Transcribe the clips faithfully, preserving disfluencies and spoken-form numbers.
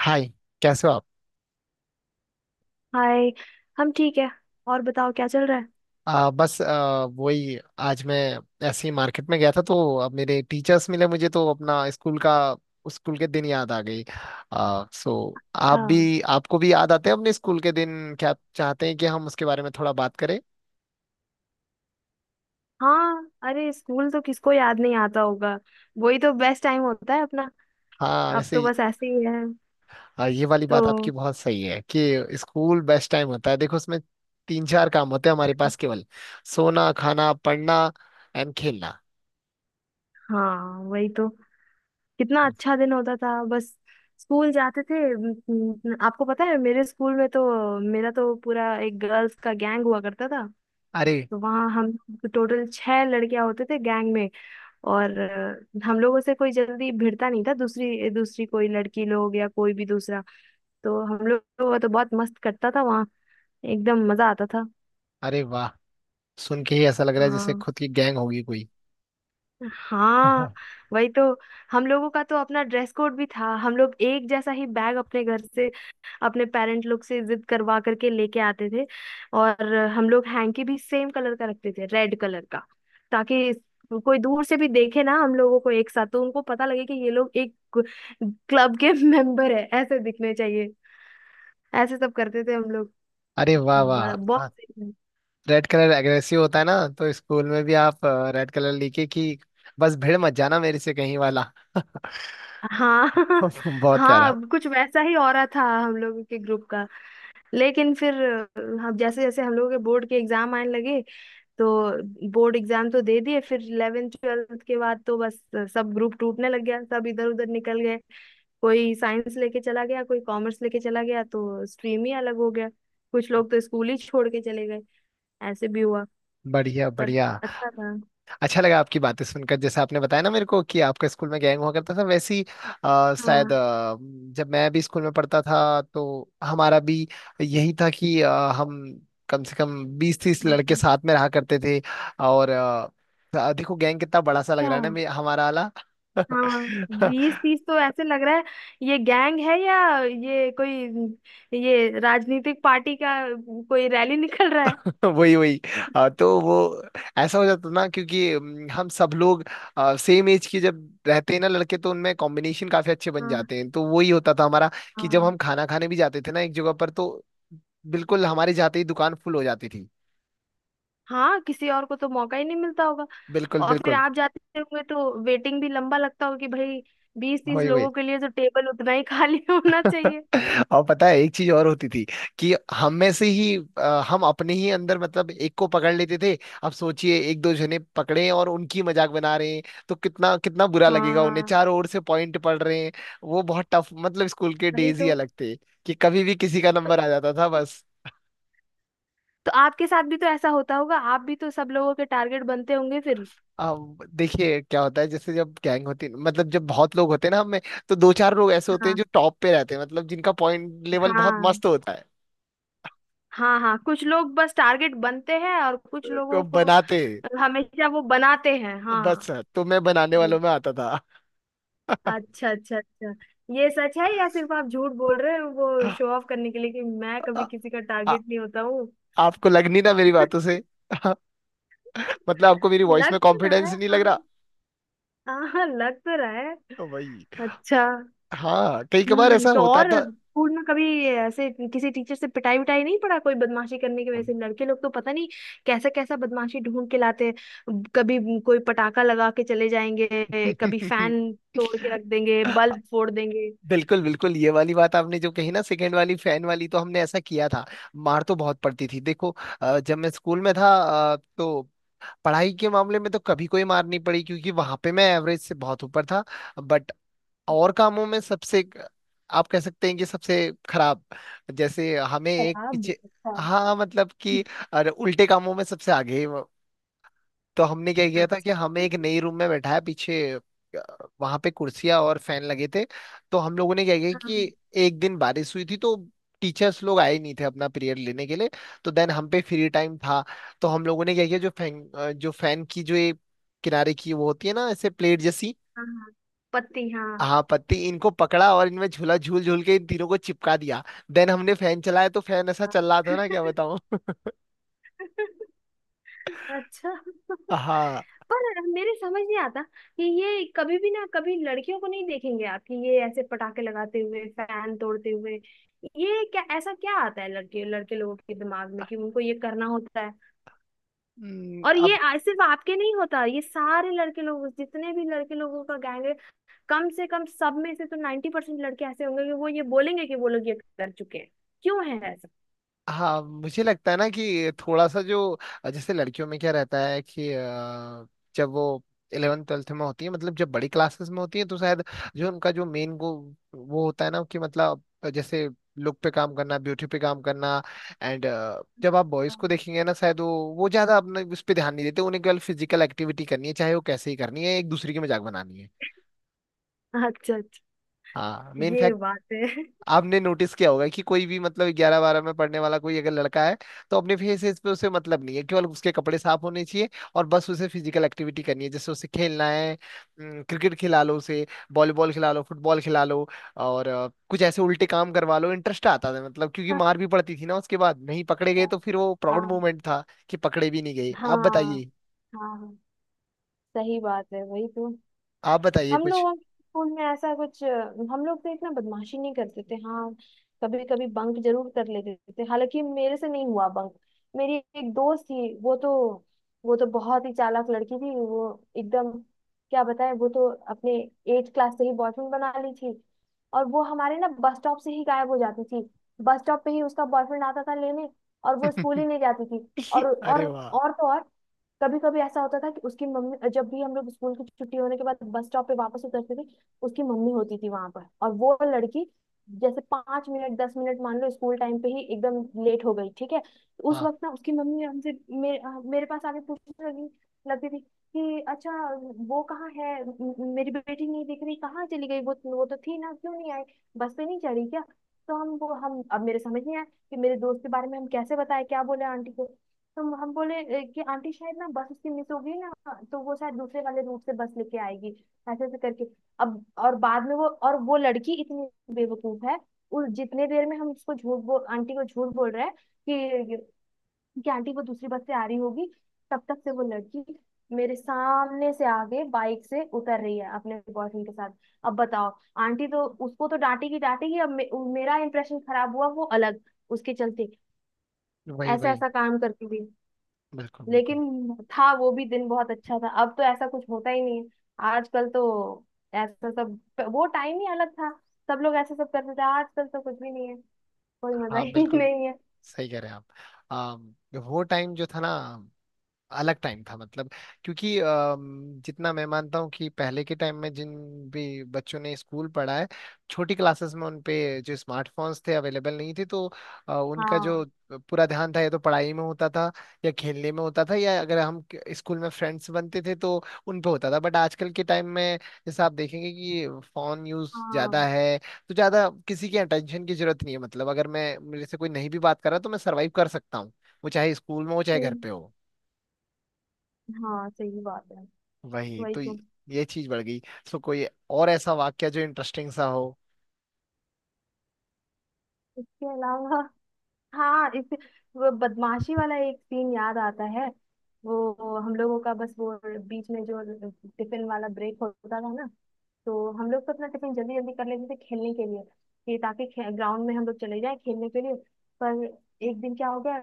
हाय कैसे हो आप हाय। हम ठीक है। और बताओ क्या चल रहा है। आ, बस आ, वही आज मैं ऐसे ही मार्केट में गया था तो अब मेरे टीचर्स मिले मुझे तो अपना स्कूल का उस स्कूल के दिन याद आ गई। आ, सो आप हाँ। भी आपको भी याद आते हैं अपने स्कूल के दिन। क्या आप चाहते हैं कि हम उसके बारे में थोड़ा बात करें? हाँ, अरे स्कूल तो किसको याद नहीं आता होगा। वही तो बेस्ट टाइम होता है अपना। हाँ अब वैसे। तो बस ऐसे ही है। आ, ये वाली तो बात आपकी बहुत सही है कि स्कूल बेस्ट टाइम होता है। देखो उसमें तीन चार काम होते हैं हमारे पास, केवल सोना, खाना, पढ़ना एंड खेलना। हाँ, वही तो। कितना अच्छा दिन होता था, बस स्कूल जाते थे। म, म, आपको पता है, मेरे स्कूल में तो मेरा तो पूरा एक गर्ल्स का गैंग हुआ करता था। अरे। तो वहाँ हम टोटल छह लड़कियां होते थे गैंग में। और अ, हम लोगों से कोई जल्दी भिड़ता नहीं था, दूसरी दूसरी कोई लड़की लोग या कोई भी दूसरा। तो हम लोग, वो तो बहुत मस्त करता था वहाँ। एकदम मजा आता था। अरे वाह। सुन के ही ऐसा लग रहा है जैसे हाँ। खुद की गैंग होगी कोई। हाँ, हाँ। वही तो। हम लोगों का तो अपना ड्रेस कोड भी था। हम लोग एक जैसा ही बैग अपने घर से, अपने पेरेंट लोग से जिद करवा करके लेके आते थे। और हम लोग हैंकी भी सेम कलर का रखते थे, रेड कलर का, ताकि कोई दूर से भी देखे ना हम लोगों को एक साथ, तो उनको पता लगे कि ये लोग एक क्लब के मेंबर है, ऐसे दिखने चाहिए। ऐसे सब करते थे हम लोग। अरे वाह बड़ा बहुत। वाह। रेड कलर एग्रेसिव होता है ना, तो स्कूल में भी आप रेड कलर लिखे कि बस भिड़ मत जाना मेरे से कहीं वाला। हाँ। बहुत हाँ, प्यारा। अब कुछ वैसा ही हो रहा था हम लोगों के ग्रुप का। लेकिन फिर हम जैसे जैसे हम लोगों के बोर्ड के एग्जाम आने लगे, तो बोर्ड एग्जाम तो दे दिए, फिर इलेवंथ ट्वेल्थ के बाद तो बस सब ग्रुप टूटने लग गया, सब इधर उधर निकल गए। कोई साइंस लेके चला गया, कोई कॉमर्स लेके चला गया, तो स्ट्रीम ही अलग हो गया। कुछ लोग तो स्कूल ही छोड़ के चले गए, ऐसे भी हुआ। बढ़िया पर बढ़िया। अच्छा था। अच्छा लगा आपकी बातें सुनकर, जैसे आपने बताया ना मेरे को कि आपका स्कूल में गैंग हुआ करता था, वैसे ही अ, शायद हाँ। अ, जब मैं भी स्कूल में पढ़ता था तो हमारा भी यही था कि अ, हम कम से कम बीस तीस लड़के हाँ। साथ में रहा करते थे। और अ, देखो गैंग कितना बड़ा सा लग रहा है ना, हाँ। मे- हमारा वाला। हाँ, बीस तीस तो ऐसे लग रहा है, ये गैंग है या ये कोई, ये राजनीतिक पार्टी का कोई रैली निकल रहा है। वही वही। आ, तो वो ऐसा हो जाता ना, क्योंकि अम, हम सब लोग सेम एज के जब रहते हैं ना लड़के, तो उनमें कॉम्बिनेशन काफी अच्छे बन हाँ। जाते हैं, तो वही होता था हमारा। कि जब हाँ। हम खाना खाने भी जाते थे ना एक जगह पर तो बिल्कुल हमारे जाते ही दुकान फुल हो जाती थी। हाँ, किसी और को तो मौका ही नहीं मिलता होगा। बिल्कुल और फिर बिल्कुल। आप जाते होंगे तो वेटिंग भी लंबा लगता होगा, कि भाई बीस तीस वही वही। लोगों के लिए तो टेबल उतना ही खाली होना चाहिए। और पता है एक चीज और होती थी, कि हम में से ही, अ, हम अपने ही अंदर मतलब एक को पकड़ लेते थे। अब सोचिए एक दो जने पकड़े हैं और उनकी मजाक बना रहे हैं, तो कितना कितना बुरा लगेगा उन्हें, हाँ, चारों ओर से पॉइंट पड़ रहे हैं। वो बहुत टफ, मतलब स्कूल के वही डेज ही तो। अलग थे कि कभी भी किसी का तो, नंबर आ जाता था बस। तो आपके साथ भी तो ऐसा होता होगा, आप भी तो सब लोगों के टारगेट बनते होंगे फिर। अब देखिए क्या होता है, जैसे जब गैंग होती, मतलब जब बहुत लोग होते हैं ना हम में, तो दो चार लोग ऐसे होते हैं हाँ। जो टॉप पे रहते हैं, मतलब जिनका पॉइंट लेवल बहुत हाँ। मस्त होता है। हाँ। हाँ, कुछ लोग बस टारगेट बनते हैं, और कुछ को लोगों को बनाते। हमेशा वो बनाते हैं। हाँ। बस, तो मैं बनाने नहीं। वालों में आता था। आ, अच्छा, अच्छा, अच्छा। ये सच है या सिर्फ आप झूठ बोल रहे हो, वो शो ऑफ करने के लिए कि मैं कभी किसी का आ, टारगेट नहीं होता हूँ? आपको लग नहीं ना मेरी बातों से? मतलब आपको मेरी वॉइस लग में तो रहा कॉन्फिडेंस है, नहीं लग हाँ। रहा? हाँ। हाँ, लग तो रहा है। तो वही। अच्छा। हाँ, कई कबार हम्म ऐसा तो होता और था। स्कूल में कभी ऐसे किसी टीचर से पिटाई विटाई नहीं पड़ा, कोई बदमाशी करने की वजह से? लड़के लोग तो पता नहीं कैसा कैसा बदमाशी ढूंढ के लाते हैं। कभी कोई पटाखा लगा के चले जाएंगे, कभी फैन तोड़ के रख देंगे, बल्ब फोड़ देंगे। बिल्कुल बिल्कुल। ये वाली बात आपने जो कही ना सेकंड वाली, फैन वाली, तो हमने ऐसा किया था। मार तो बहुत पड़ती थी देखो। अ, जब मैं स्कूल में था, अ, तो पढ़ाई के मामले में तो कभी कोई मार नहीं पड़ी क्योंकि वहां पे मैं एवरेज से बहुत ऊपर था। बट और कामों में सबसे, आप कह सकते हैं कि सबसे खराब। जैसे हमें एक शराब? पीछे। अच्छा। हाँ मतलब कि, अरे उल्टे कामों में सबसे आगे। तो हमने क्या किया था अच्छा। कि हमें एक नई रूम में बैठाया पीछे। वहां पे कुर्सियां और फैन लगे थे। तो हम लोगों ने क्या किया हाँ। हाँ। कि, एक दिन बारिश हुई थी, तो टीचर्स लोग आए नहीं थे अपना पीरियड लेने के लिए, तो देन हम पे फ्री टाइम था। तो हम लोगों ने क्या किया, जो फैन जो फैन की जो ये किनारे की वो होती है ना, ऐसे प्लेट जैसी, हाँ। हाँ, पत्ती। हाँ। हाँ पत्ती, इनको पकड़ा और इनमें झूला झूल झूल के इन तीनों को चिपका दिया। देन हमने फैन चलाया तो फैन ऐसा हाँ। चल रहा था ना, क्या बताऊं। अच्छा। हाँ। पर मेरे समझ नहीं आता कि ये कभी भी, ना कभी लड़कियों को नहीं देखेंगे आप कि ये ऐसे पटाखे लगाते हुए, फैन तोड़ते हुए। ये क्या, ऐसा क्या आता है लड़के लड़के लोगों के दिमाग में कि उनको ये करना होता है? हम्म, और ये अब। आ- सिर्फ आपके नहीं होता, ये सारे लड़के लोग, जितने भी लड़के लोगों का गैंग है, कम से कम सब में से तो नाइन्टी परसेंट लड़के ऐसे होंगे कि वो ये बोलेंगे कि वो लोग ये कर चुके हैं। क्यों है ऐसा? हाँ मुझे लगता है ना कि थोड़ा सा जो, जैसे लड़कियों में क्या रहता है कि अ, जब वो इलेवन ट्वेल्थ में होती है, मतलब जब बड़ी क्लासेस में होती है, तो शायद जो उनका जो मेन गो वो होता है ना कि, मतलब जैसे, लुक पे काम करना, ब्यूटी पे काम करना एंड, जब आप बॉयज को हाँ, देखेंगे ना, शायद वो वो ज्यादा अपने उस पे ध्यान नहीं देते, उन्हें केवल फिजिकल एक्टिविटी करनी है चाहे वो कैसे ही करनी है, एक दूसरे की मजाक बनानी है। अच्छा अच्छा, हाँ मेन। ये बात है। आपने नोटिस किया होगा कि कोई भी, मतलब ग्यारह बारह में पढ़ने वाला कोई अगर लड़का है, तो अपने फेसेस पे उसे मतलब नहीं है, केवल उसके कपड़े साफ होने चाहिए। और बस उसे फिजिकल एक्टिविटी करनी है, जैसे उसे खेलना है। क्रिकेट खिला लो उसे, वॉलीबॉल खिला लो, फुटबॉल खिला लो, और अ, कुछ ऐसे उल्टे काम करवा लो। इंटरेस्ट आता था, मतलब क्योंकि मार भी पड़ती थी ना उसके बाद, नहीं पकड़े अच्छा। गए तो फिर वो प्राउड हाँ। मोमेंट था, कि पकड़े भी नहीं गए। आप हाँ। बताइए। हाँ। हाँ, सही बात है, वही तो। आप बताइए हम कुछ। लोगों के स्कूल में ऐसा कुछ, हम लोग तो इतना बदमाशी नहीं करते थे। हाँ, कभी कभी बंक जरूर कर लेते थे, हालांकि मेरे से नहीं हुआ बंक। मेरी एक दोस्त थी, वो तो वो तो बहुत ही चालाक लड़की थी, वो एकदम, क्या बताएं, वो तो अपने एट क्लास से ही बॉयफ्रेंड बना ली थी। और वो हमारे ना बस स्टॉप से ही गायब हो जाती थी, बस स्टॉप पे ही उसका बॉयफ्रेंड आता था लेने, और वो स्कूल ही नहीं जाती थी। और और अरे वाह। और तो और, कभी कभी ऐसा होता था कि उसकी मम्मी, जब भी हम लोग स्कूल की छुट्टी होने के बाद बस स्टॉप पे वापस उतरते थे, उसकी मम्मी होती थी वहां पर। और वो लड़की जैसे पांच मिनट दस मिनट, मान लो स्कूल टाइम पे ही एकदम लेट हो गई, ठीक है, तो उस हाँ वक्त ना उसकी मम्मी हमसे, मेरे अ, मेरे पास आके पूछने लगी, लगती थी, कि अच्छा, वो कहाँ है? म- म- मेरी बेटी नहीं दिख रही, कहाँ चली गई, वो वो तो थी ना, क्यों नहीं आई? बस पे नहीं चढ़ी क्या? तो हम वो हम अब मेरे समझ नहीं आया कि मेरे दोस्त के बारे में हम कैसे बताएं, क्या बोले आंटी को। तो हम बोले ए, कि आंटी शायद ना बस उसकी मिस हो गई ना, तो वो शायद दूसरे वाले रूट से बस लेके आएगी, ऐसे ऐसे करके। अब और बाद में, वो और वो लड़की इतनी बेवकूफ है, उस जितने देर में हम उसको झूठ बोल, आंटी को झूठ बोल रहे हैं कि कि आंटी वो दूसरी बस से आ रही होगी, तब तक से वो लड़की मेरे सामने से आगे बाइक से उतर रही है अपने बॉयफ्रेंड के साथ। अब बताओ। आंटी तो उसको तो डांटेगी डांटेगी, अब मे, मेरा इंप्रेशन खराब हुआ वो अलग, उसके चलते वही ऐसा वही। ऐसा काम करती हुई। बिल्कुल बिल्कुल। लेकिन था, वो भी दिन बहुत अच्छा था। अब तो ऐसा कुछ होता ही नहीं है, आजकल तो ऐसा सब, वो टाइम ही अलग था। सब लोग ऐसा सब करते थे, आजकल तो कुछ भी नहीं है। कोई मजा हाँ ही बिल्कुल। नहीं है। सही कह रहे हैं आप। आ, वो टाइम जो था ना, अलग टाइम था। मतलब क्योंकि अम, जितना मैं मानता हूँ कि पहले के टाइम में जिन भी बच्चों ने स्कूल पढ़ा है छोटी क्लासेस में, उन पे जो स्मार्टफोन्स थे अवेलेबल नहीं थे। तो अ, उनका जो हाँ। पूरा ध्यान था, या तो पढ़ाई में होता था, या खेलने में होता था, या अगर हम क- स्कूल में फ्रेंड्स बनते थे तो उन पे होता था। बट आजकल के टाइम में, जैसा आप देखेंगे कि, फोन यूज हाँ। ज्यादा है। तो ज्यादा किसी की अटेंशन की जरूरत नहीं है, मतलब अगर मैं, मेरे से कोई नहीं भी बात कर रहा तो मैं सर्वाइव कर सकता हूँ, वो चाहे स्कूल में हो चाहे घर हम्म, पे हो। हाँ, सही बात है, वही वही तो तो। ये ये चीज बढ़ गई। सो कोई और ऐसा वाक्य जो इंटरेस्टिंग सा हो? इसके अलावा हाँ, इस वो बदमाशी वाला एक सीन याद आता है। वो हम लोगों का, बस वो बीच में जो टिफिन वाला ब्रेक होता था ना, तो हम लोग तो अपना टिफिन जल्दी जल्दी कर लेते थे खेलने के लिए, कि ताकि ग्राउंड में हम लोग चले जाए खेलने के लिए। पर एक दिन क्या हो गया,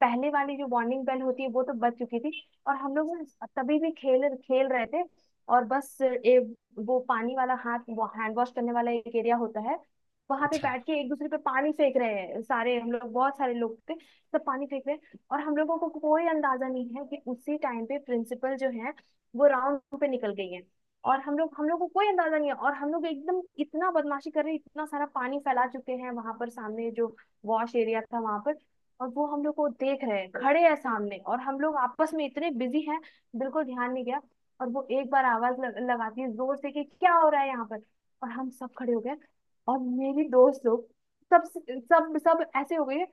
पहले वाली जो वार्निंग बेल होती है वो तो बज चुकी थी, और हम लोग ना तभी भी खेल खेल रहे थे। और बस ए, वो पानी वाला हाथ हैंड वॉश करने वाला एक एरिया होता है, वहां पे अच्छा। बैठ के एक दूसरे पे पानी फेंक रहे हैं सारे, हम लोग बहुत सारे लोग थे। सब पानी फेंक रहे हैं और हम लोगों को कोई अंदाजा नहीं है कि उसी टाइम पे प्रिंसिपल जो है, वो राउंड पे निकल गई है। और हम लोग हम लोग को कोई अंदाजा नहीं है, और हम लोग एकदम इतना बदमाशी कर रहे हैं, इतना सारा पानी फैला चुके हैं वहां पर सामने जो वॉश एरिया था वहां पर। और वो हम लोग को देख रहे हैं, खड़े हैं सामने, और हम लोग आपस में इतने बिजी हैं, बिल्कुल ध्यान नहीं गया। और वो एक बार आवाज लग, लगाती है जोर से, कि क्या हो रहा है यहाँ पर? और हम सब खड़े हो गए, और मेरी दोस्त लोग सब सब सब ऐसे हो गए,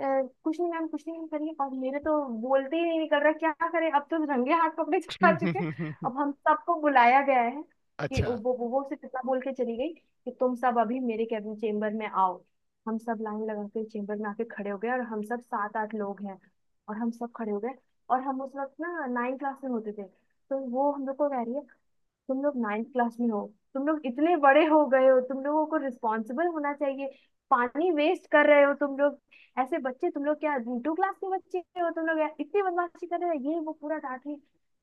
"अ, कुछ नहीं मैम, कुछ नहीं मैम" करिए, और मेरे तो बोलते ही नहीं निकल रहा, क्या करें, अब तो रंगे हाथ पकड़े जा चुके। अब हम सबको बुलाया गया है कि वो अच्छा। वो वो सिर्फ इतना बोल के चली गई कि तुम सब अभी मेरे कैबिन चेम्बर में आओ। हम सब लाइन लगा के चेम्बर में आके खड़े हो गए, और हम सब सात आठ लोग हैं, और हम सब खड़े हो गए। और हम उस वक्त ना नाइन क्लास में होते थे, तो वो हम लोग को कह रही है, तुम लोग नाइन्थ क्लास में हो, तुम लोग इतने बड़े हो गए हो, तुम लोगों को रिस्पॉन्सिबल होना चाहिए, पानी वेस्ट कर रहे हो तुम लोग, ऐसे बच्चे तुम लोग, क्या टू क्लास के बच्चे हो तुम लोग, इतनी बदमाशी कर रहे हो, ये वो पूरा डांट रही।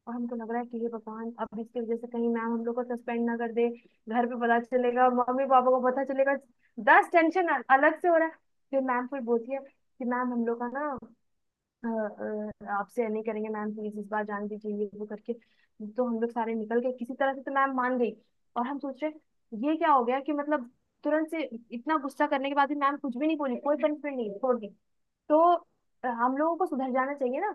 और हमको लग रहा है कि हे भगवान, अब इसकी वजह से कहीं मैम हम लोग को सस्पेंड ना कर दे, घर पे पता चलेगा, मम्मी पापा को पता चलेगा, दस टेंशन अलग से हो रहा है। फिर मैम फिर बोलती है, कि मैम हम लोग का ना अ, अ, आपसे नहीं करेंगे मैम, प्लीज इस बार जाने दीजिए, ये वो करके। तो हम लोग सारे निकल गए किसी तरह से, तो मैम मान गई। और हम सोच रहे ये क्या हो गया, कि मतलब तुरंत से इतना गुस्सा करने के बाद भी मैम कुछ भी नहीं बोली, कोई पनिशमेंट नहीं छोड़ दी। तो अ, हम लोगों को सुधर जाना चाहिए ना,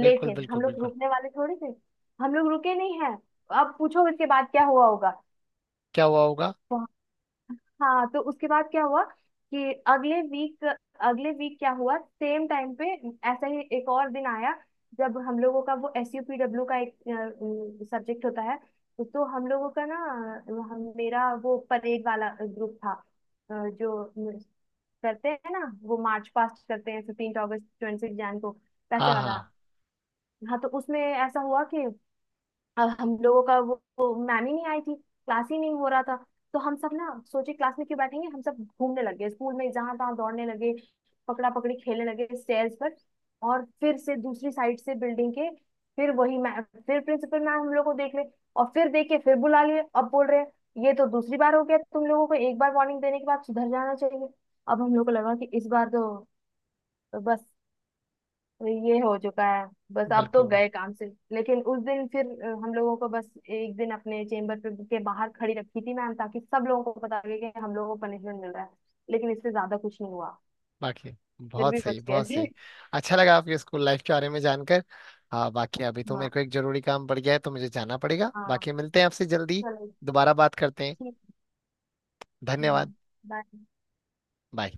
बिल्कुल हम बिल्कुल लोग बिल्कुल। रुकने वाले थोड़ी थे। हम लोग रुके नहीं हैं। अब पूछो इसके बाद क्या हुआ होगा। क्या हुआ होगा? हाँ, तो उसके बाद क्या हुआ कि अगले वीक अगले वीक क्या हुआ सेम टाइम पे, ऐसा ही एक और दिन आया। जब हम लोगों का वो एस यू पी डब्ल्यू का एक सब्जेक्ट होता है, तो हम लोगों का ना, हम मेरा वो परेड वाला ग्रुप था, अ, जो करते हैं ना, वो मार्च पास्ट करते हैं fifteen August, twenty six Jan को, पैसे हाँ वाला। हाँ। हाँ, तो उसमें ऐसा हुआ कि अब हम लोगों का वो, वो मैम ही नहीं आई थी, क्लास ही नहीं हो रहा था। तो हम सब ना सोचे क्लास में क्यों बैठेंगे, हम सब घूमने लगे स्कूल में, जहां तहां दौड़ने लगे, पकड़ा पकड़ी खेलने लगे स्टेयर्स पर, और फिर से दूसरी साइड से बिल्डिंग के, फिर वही मैम, फिर प्रिंसिपल मैम हम लोग को देख ले, और फिर देख के फिर बुला लिए। अब बोल रहे हैं ये तो दूसरी बार हो गया, तुम लोगों को एक बार वार्निंग देने के बाद सुधर जाना चाहिए। अब हम लोग को लगा कि इस बार तो बस, तो ये हो चुका है, बस अब तो बिल्कुल गए बिल्कुल। काम से। लेकिन उस दिन फिर अ, हम लोगों को बस एक दिन अपने चेम्बर पे के बाहर खड़ी रखी थी मैम, ताकि सब लोगों को पता लगे कि हम लोगों को पनिशमेंट मिल रहा है, लेकिन इससे ज्यादा कुछ नहीं हुआ। बाकी फिर बहुत भी सही, बच गए बहुत थे। सही। अच्छा लगा आपके स्कूल लाइफ के बारे में जानकर। हाँ बाकी, अभी तो हाँ। मेरे को एक जरूरी काम पड़ गया है तो मुझे जाना पड़ेगा, हाँ। बाकी मिलते हैं आपसे जल्दी। चलो। दोबारा बात करते हैं। ठीक। धन्यवाद। हम्म। बाय। बाय।